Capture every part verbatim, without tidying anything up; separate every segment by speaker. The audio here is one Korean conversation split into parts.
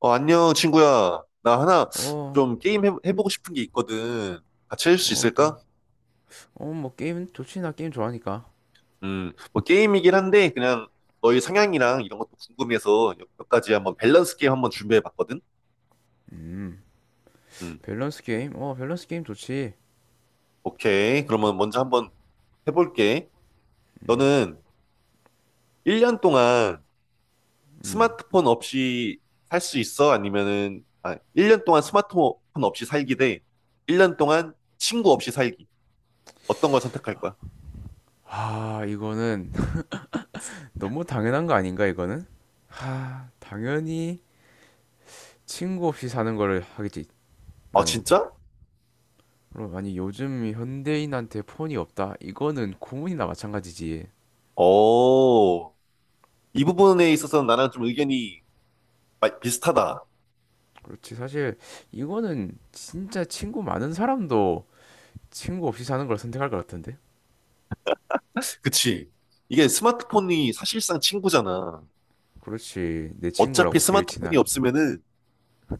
Speaker 1: 어, 안녕, 친구야. 나 하나
Speaker 2: 어,
Speaker 1: 좀 게임 해, 해보고 싶은 게 있거든. 같이 할 수
Speaker 2: 어, 또,
Speaker 1: 있을까?
Speaker 2: 어, 뭐, 게임 좋지, 나 게임 좋아하니까.
Speaker 1: 음, 뭐 게임이긴 한데, 그냥 너의 성향이랑 이런 것도 궁금해서 몇 가지 한번 밸런스 게임 한번 준비해 봤거든.
Speaker 2: 음,
Speaker 1: 음,
Speaker 2: 밸런스 게임? 어, 밸런스 게임 좋지.
Speaker 1: 오케이. 그러면 먼저 한번 해볼게. 너는 일 년 동안
Speaker 2: 음.
Speaker 1: 스마트폰 없이 살 수 있어? 아니면은, 아, 일 년 동안 스마트폰 없이 살기 대 일 년 동안 친구 없이 살기. 어떤 걸 선택할 거야?
Speaker 2: 아, 이거는 너무 당연한 거 아닌가, 이거는? 하, 당연히 친구 없이 사는 거를 하겠지,
Speaker 1: 아,
Speaker 2: 나는.
Speaker 1: 진짜?
Speaker 2: 그럼, 아니, 요즘 현대인한테 폰이 없다? 이거는 고문이나 마찬가지지.
Speaker 1: 오. 이 부분에 있어서는 나랑 좀 의견이 마- 비슷하다.
Speaker 2: 그렇지, 사실, 이거는 진짜 친구 많은 사람도 친구 없이 사는 걸 선택할 것 같은데?
Speaker 1: 그치. 이게 스마트폰이 사실상 친구잖아.
Speaker 2: 그렇지, 내
Speaker 1: 어차피
Speaker 2: 친구라고 제일
Speaker 1: 스마트폰이
Speaker 2: 친한.
Speaker 1: 없으면은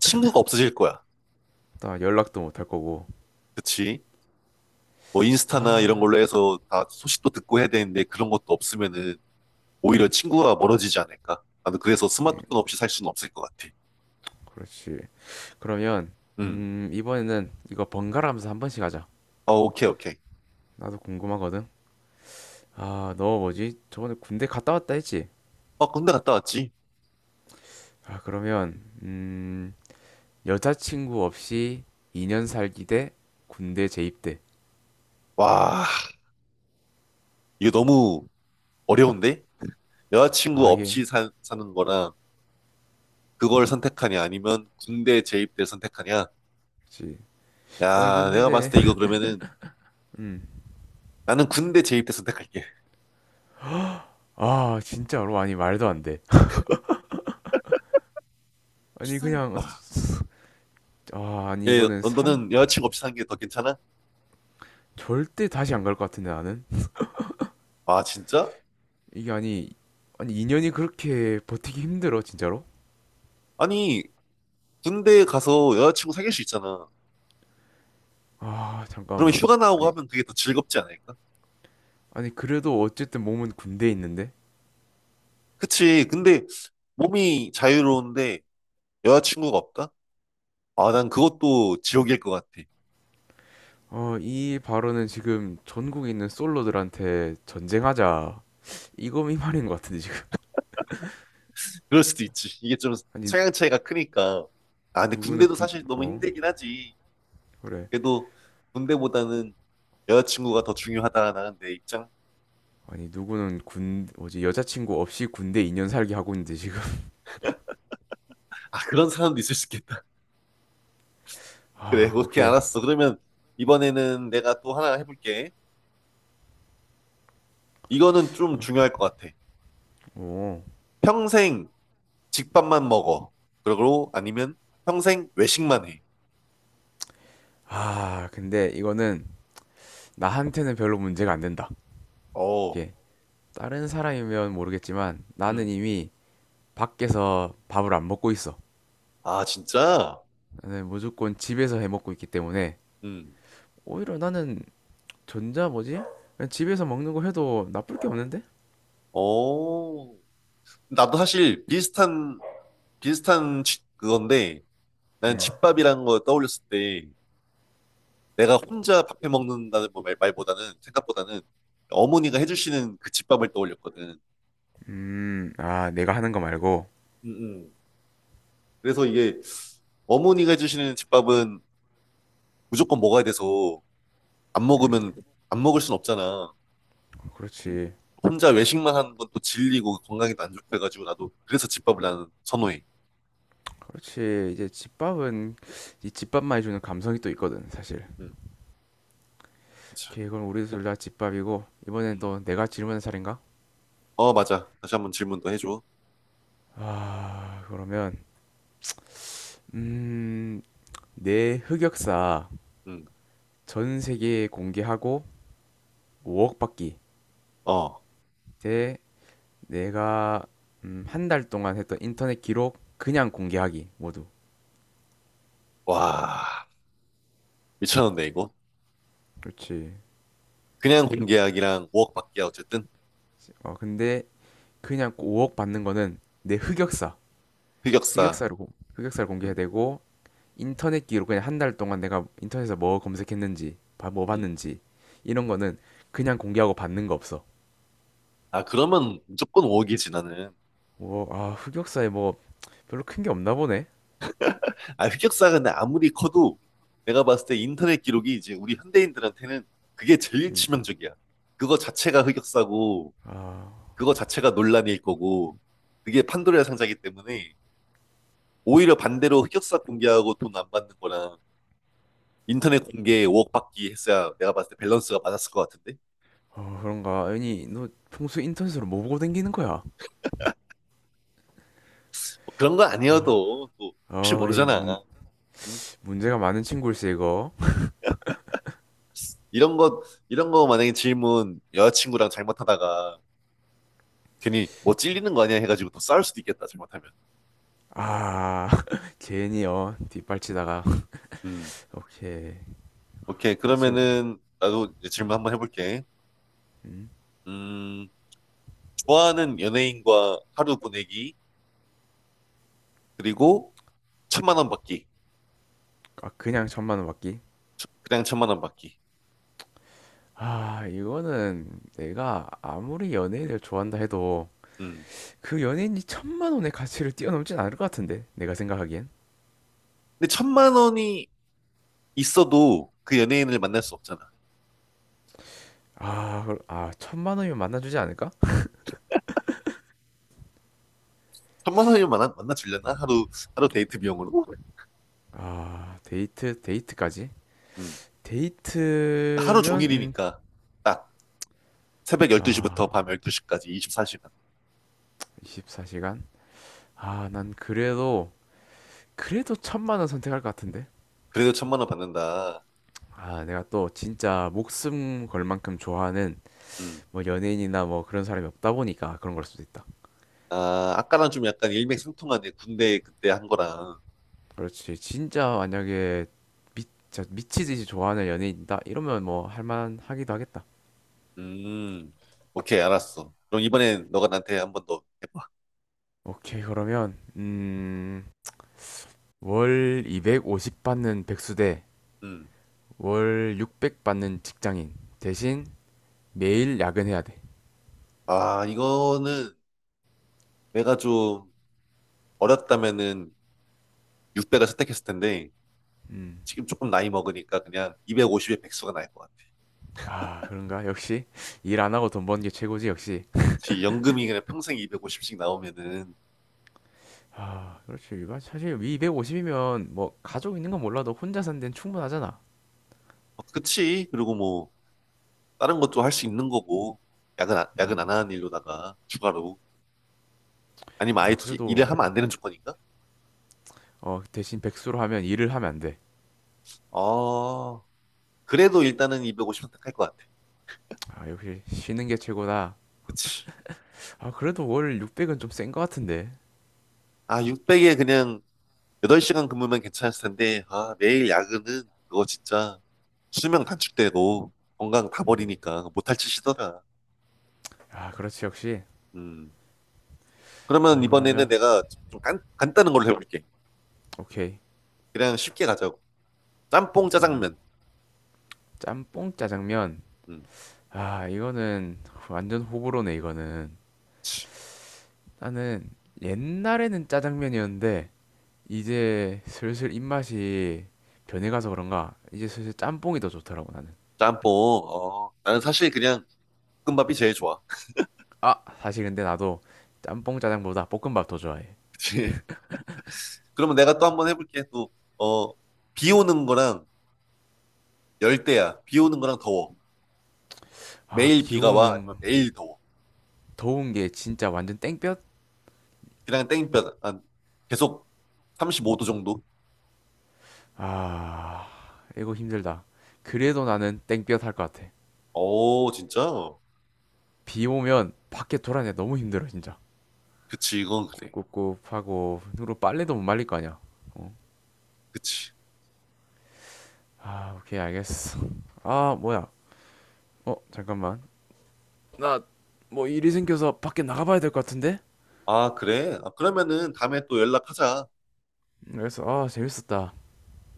Speaker 1: 친구가 없어질 거야.
Speaker 2: 나 연락도 못 할 거고.
Speaker 1: 그치? 뭐 인스타나 이런
Speaker 2: 아,
Speaker 1: 걸로 해서 다 소식도 듣고 해야 되는데 그런 것도 없으면은 오히려 친구가 멀어지지 않을까? 나는 그래서
Speaker 2: 그냥
Speaker 1: 스마트폰 없이 살 수는 없을 것 같아.
Speaker 2: 그렇지. 그러면
Speaker 1: 음.
Speaker 2: 음, 이번에는 이거 번갈아 가면서 한 번씩 하자.
Speaker 1: 어, 오케이, 오케이.
Speaker 2: 나도 궁금하거든. 아, 너 뭐지? 저번에 군대 갔다 왔다 했지?
Speaker 1: 어, 군대 갔다 왔지?
Speaker 2: 아, 그러면 음, 여자친구 없이 이 년 살기 대 군대 재입 대.
Speaker 1: 와, 이게 너무 어려운데? 여자친구
Speaker 2: 아, 예. 그
Speaker 1: 없이 사, 사는 거랑 그걸 선택하냐 아니면 군대 재입대 선택하냐?
Speaker 2: 렇지 아, 이건
Speaker 1: 야, 내가 봤을
Speaker 2: 근데.
Speaker 1: 때 이거 그러면은
Speaker 2: 음.
Speaker 1: 나는 군대 재입대 선택할게.
Speaker 2: 아, 진짜로, 아니 말도 안 돼. 아니 그냥
Speaker 1: 아,
Speaker 2: 아, 아니
Speaker 1: 예,
Speaker 2: 이거는
Speaker 1: 너-
Speaker 2: 삼
Speaker 1: 너는 여자친구 없이 사는 게 더 괜찮아?
Speaker 2: 절대 다시 안 갈 것 같은데 나는.
Speaker 1: 아, 진짜?
Speaker 2: 이게 아니 아니 이 년이 그렇게 버티기 힘들어, 진짜로?
Speaker 1: 아니, 군대 가서 여자친구 사귈 수 있잖아.
Speaker 2: 아,
Speaker 1: 그러면
Speaker 2: 잠깐만.
Speaker 1: 휴가 나오고
Speaker 2: 아니,
Speaker 1: 하면 그게 더 즐겁지 않을까?
Speaker 2: 아니, 그래도 어쨌든 몸은 군대에 있는데?
Speaker 1: 그치. 근데 몸이 자유로운데 여자친구가 없다? 아, 난 그것도 지옥일 것 같아.
Speaker 2: 어, 이 발언은 지금 전국에 있는 솔로들한테 전쟁하자. 이거 이 말인 것 같은데, 지금.
Speaker 1: 그럴 수도 있지. 이게 좀
Speaker 2: 아니,
Speaker 1: 성향 차이가 크니까. 아, 근데
Speaker 2: 누구는
Speaker 1: 군대도
Speaker 2: 군,
Speaker 1: 사실 너무
Speaker 2: 어?
Speaker 1: 힘들긴 하지.
Speaker 2: 그래.
Speaker 1: 그래도 군대보다는 여자친구가 더 중요하다. 나는 내 입장.
Speaker 2: 아니, 누구는 군, 뭐지, 여자친구 없이 군대 이 년 살기 하고 있는데, 지금.
Speaker 1: 아, 그런 사람도 있을 수 있겠다. 그래,
Speaker 2: 아,
Speaker 1: 오케이,
Speaker 2: 오케이.
Speaker 1: 알았어. 그러면 이번에는 내가 또 하나 해볼게. 이거는 좀 중요할 것 같아.
Speaker 2: 오.
Speaker 1: 평생 집밥만 먹어. 그러고 아니면 평생 외식만 해.
Speaker 2: 아, 근데 이거는 나한테는 별로 문제가 안 된다.
Speaker 1: 어,
Speaker 2: 이게 다른 사람이면 모르겠지만
Speaker 1: 음.
Speaker 2: 나는 이미 밖에서 밥을 안 먹고 있어.
Speaker 1: 아, 진짜?
Speaker 2: 나는 무조건 집에서 해 먹고 있기 때문에
Speaker 1: 음.
Speaker 2: 오히려 나는 전자 뭐지? 그냥 집에서 먹는 거 해도 나쁠 게 없는데?
Speaker 1: 어. 나도 사실 비슷한, 비슷한 지- 그건데, 나는
Speaker 2: 음,
Speaker 1: 집밥이라는 걸 떠올렸을 때, 내가 혼자 밥해 먹는다는 뭐 말- 말보다는, 생각보다는 어머니가 해주시는 그 집밥을 떠올렸거든.
Speaker 2: 음, 아, 내가 하는 거 말고.
Speaker 1: 응응. 그래서 이게 어머니가 해주시는 집밥은 무조건 먹어야 돼서 안 먹으면 안 먹을 순 없잖아. 음.
Speaker 2: 그렇지.
Speaker 1: 혼자 외식만 하는 건 또 질리고 건강에도 안 좋고 해가지고 나도 그래서 집밥을 나는 선호해.
Speaker 2: 그렇지. 이제 집밥은 이 집밥만 해 주는 감성이 또 있거든, 사실.
Speaker 1: 음.
Speaker 2: 오케이, 그럼 우리
Speaker 1: 그
Speaker 2: 둘다 집밥이고 이번엔
Speaker 1: 음.
Speaker 2: 또 내가 질문한 차례인가?
Speaker 1: 어, 맞아. 다시 한번 질문 더 해줘.
Speaker 2: 아, 그러면 음, 내 흑역사
Speaker 1: 음.
Speaker 2: 전 세계에 공개하고 오억 받기
Speaker 1: 어,
Speaker 2: 대 내가 음, 한 달 동안 했던 인터넷 기록 그냥 공개하기 모두.
Speaker 1: 와, 미쳤는데 이거.
Speaker 2: 그렇지.
Speaker 1: 그냥 공계약이랑 오 억 받기야 어쨌든
Speaker 2: 어, 근데 그냥 오억 받는 거는 내 흑역사,
Speaker 1: 흑역사.
Speaker 2: 흑역사를 공- 흑역사를 공개해야
Speaker 1: 음.
Speaker 2: 되고 인터넷 기록 그냥 한 달 동안 내가 인터넷에서 뭐 검색했는지, 바- 뭐
Speaker 1: 음.
Speaker 2: 봤는지 이런 거는 그냥 공개하고 받는 거 없어.
Speaker 1: 아, 그러면 무조건 오 억이지 나는.
Speaker 2: 뭐, 아, 흑역사에 뭐 별로 큰 게 없나 보네.
Speaker 1: 아, 흑역사가 근데 아무리 커도 내가 봤을 때 인터넷 기록이 이제 우리 현대인들한테는 그게 제일
Speaker 2: 음,
Speaker 1: 치명적이야. 그거 자체가 흑역사고,
Speaker 2: 아,
Speaker 1: 그거 자체가 논란일 거고, 그게 판도라의 상자이기 때문에 오히려 반대로 흑역사 공개하고 돈 안 받는 거랑 인터넷 공개 오 억 받기 했어야 내가 봤을 때 밸런스가 맞았을 것 같은데?
Speaker 2: 어, 그런가? 아니, 너 평소 인터넷으로 뭐 보고 댕기는 거야?
Speaker 1: 뭐 그런 거
Speaker 2: 아,
Speaker 1: 아니어도 또 혹시
Speaker 2: 어, 이 문,
Speaker 1: 모르잖아. 응?
Speaker 2: 문제가 많은 친구일세 이거.
Speaker 1: 이런 거, 이런 거 만약에 질문 여자친구랑 잘못하다가 괜히 뭐 찔리는 거 아니야 해가지고 또 싸울 수도 있겠다, 잘못하면.
Speaker 2: 아, 괜히요. 뒷발치다가.
Speaker 1: 음.
Speaker 2: 오케이.
Speaker 1: 오케이.
Speaker 2: 그렇지. 뭐.
Speaker 1: 그러면은 나도 이제 질문 한번 해볼게.
Speaker 2: 음.
Speaker 1: 음, 좋아하는 연예인과 하루 보내기, 그리고 천만 원 받기.
Speaker 2: 아, 그냥 천만 원 받기.
Speaker 1: 천- 그냥 천만 원 받기.
Speaker 2: 아, 이거는 내가 아무리 연예인을 좋아한다 해도
Speaker 1: 음.
Speaker 2: 그 연예인이 천만 원의 가치를 뛰어넘진 않을 것 같은데. 내가 생각하기엔.
Speaker 1: 근데 천만 원이 있어도 그 연예인을 만날 수 없잖아.
Speaker 2: 아, 그럼- 아, 천만 원이면 만나주지 않을까?
Speaker 1: 천만 원이면 만나, 만나주려나? 하루, 하루 데이트 비용으로?
Speaker 2: 아, 데이트, 데이트까지?
Speaker 1: 음. 하루
Speaker 2: 데이트면, 음,
Speaker 1: 종일이니까 딱 새벽 열두 시부터
Speaker 2: 아,
Speaker 1: 밤 열두 시까지 이십사 시간.
Speaker 2: 이십사 시간? 아, 난 그래도, 그래도 천만 원 선택할 것 같은데.
Speaker 1: 그래도 천만 원 받는다.
Speaker 2: 아, 내가 또 진짜 목숨 걸 만큼 좋아하는
Speaker 1: 음.
Speaker 2: 뭐 연예인이나 뭐 그런 사람이 없다 보니까 그런 걸 수도 있다.
Speaker 1: 아, 아까랑 좀 약간 일맥상통하네. 군대 그때 한 거랑.
Speaker 2: 그렇지. 진짜 만약에 미, 진짜 미치듯이 좋아하는 연예인이다. 이러면 뭐 할만하기도 하겠다.
Speaker 1: 음, 오케이, 알았어. 그럼 이번엔 너가 나한테 한번 더 해봐.
Speaker 2: 오케이, 그러면 음, 월 이백오십 받는 백수
Speaker 1: 음.
Speaker 2: 대월 육백 받는 직장인 대신 매일 야근해야 돼.
Speaker 1: 아, 이거는 내가 좀 어렸다면은 육 대가 선택했을 텐데,
Speaker 2: 음.
Speaker 1: 지금 조금 나이 먹으니까 그냥 이백오십에 백수가 나을 것 같아.
Speaker 2: 아, 그런가? 역시 일 안 하고 돈 버는 게 최고지, 역시.
Speaker 1: 그치, 연금이 그냥 평생 이백오십씩 나오면은,
Speaker 2: 아, 그렇지. 일반 사실 이백오십이면 뭐 가족 있는 건 몰라도 혼자 산 데는 충분하잖아.
Speaker 1: 어, 그치. 그리고 뭐, 다른 것도 할 수 있는 거고, 야근, 안- 야근
Speaker 2: 음.
Speaker 1: 안 하는 일로다가, 추가로. 아니면 아예
Speaker 2: 아,
Speaker 1: 일을
Speaker 2: 그래도
Speaker 1: 하면 안 되는 조건인가?
Speaker 2: 어, 대신 백수로 하면 일을 하면 안 돼.
Speaker 1: 어, 그래도 일단은 이백오십 선택할 것 같아.
Speaker 2: 아, 역시 쉬는 게 최고다.
Speaker 1: 그치.
Speaker 2: 아, 그래도 월 육백은 좀 센 거 같은데.
Speaker 1: 아, 육백에 그냥 여덟 시간 근무면 괜찮았을 텐데, 아, 매일 야근은 그거 진짜 수명 단축되고 건강 다 버리니까 못할 짓이더라.
Speaker 2: 아, 그렇지. 역시.
Speaker 1: 음. 그러면
Speaker 2: 아,
Speaker 1: 이번에는
Speaker 2: 그러면
Speaker 1: 내가 좀 간, 간단한 걸로 해볼게.
Speaker 2: 오케이.
Speaker 1: 그냥 쉽게 가자고. 짬뽕
Speaker 2: 음.
Speaker 1: 짜장면.
Speaker 2: 짬뽕 짜장면.
Speaker 1: 음.
Speaker 2: 아, 이거는 완전 호불호네, 이거는. 나는 옛날에는 짜장면이었는데 이제 슬슬 입맛이 변해가서 그런가 이제 슬슬 짬뽕이 더 좋더라고, 나는.
Speaker 1: 짬뽕. 어, 나는 사실 그냥 볶음밥이 제일 좋아.
Speaker 2: 아, 사실 근데 나도 짬뽕 짜장보다 볶음밥 더 좋아해.
Speaker 1: 그치? 그러면 내가 또 한번 해볼게. 또, 어, 비 오는 거랑 열대야. 비 오는 거랑 더워.
Speaker 2: 아
Speaker 1: 매일
Speaker 2: 비
Speaker 1: 비가 와.
Speaker 2: 오는
Speaker 1: 아니면 매일 더워.
Speaker 2: 더운 게 진짜 완전 땡볕.
Speaker 1: 그냥 땡볕. 한 계속 삼십오 도 정도?
Speaker 2: 아, 이거 힘들다. 그래도 나는 땡볕 할 것 같아.
Speaker 1: 어, 진짜?
Speaker 2: 비 오면 밖에 돌아내 너무 힘들어 진짜.
Speaker 1: 그치, 이건 그래.
Speaker 2: 꿉꿉하고 누로 빨래도 못 말릴 거 아니야. 어.
Speaker 1: 그치.
Speaker 2: 아, 오케이 알겠어. 아 뭐야 어 잠깐만. 나 뭐 일이 생겨서 밖에 나가봐야 될 것 같은데.
Speaker 1: 아, 그래? 아, 그러면은 다음에 또 연락하자.
Speaker 2: 그래서. 아, 재밌었다.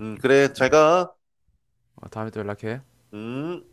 Speaker 1: 음, 그래, 잘 가.
Speaker 2: 어, 다음에 또 연락해.
Speaker 1: 음.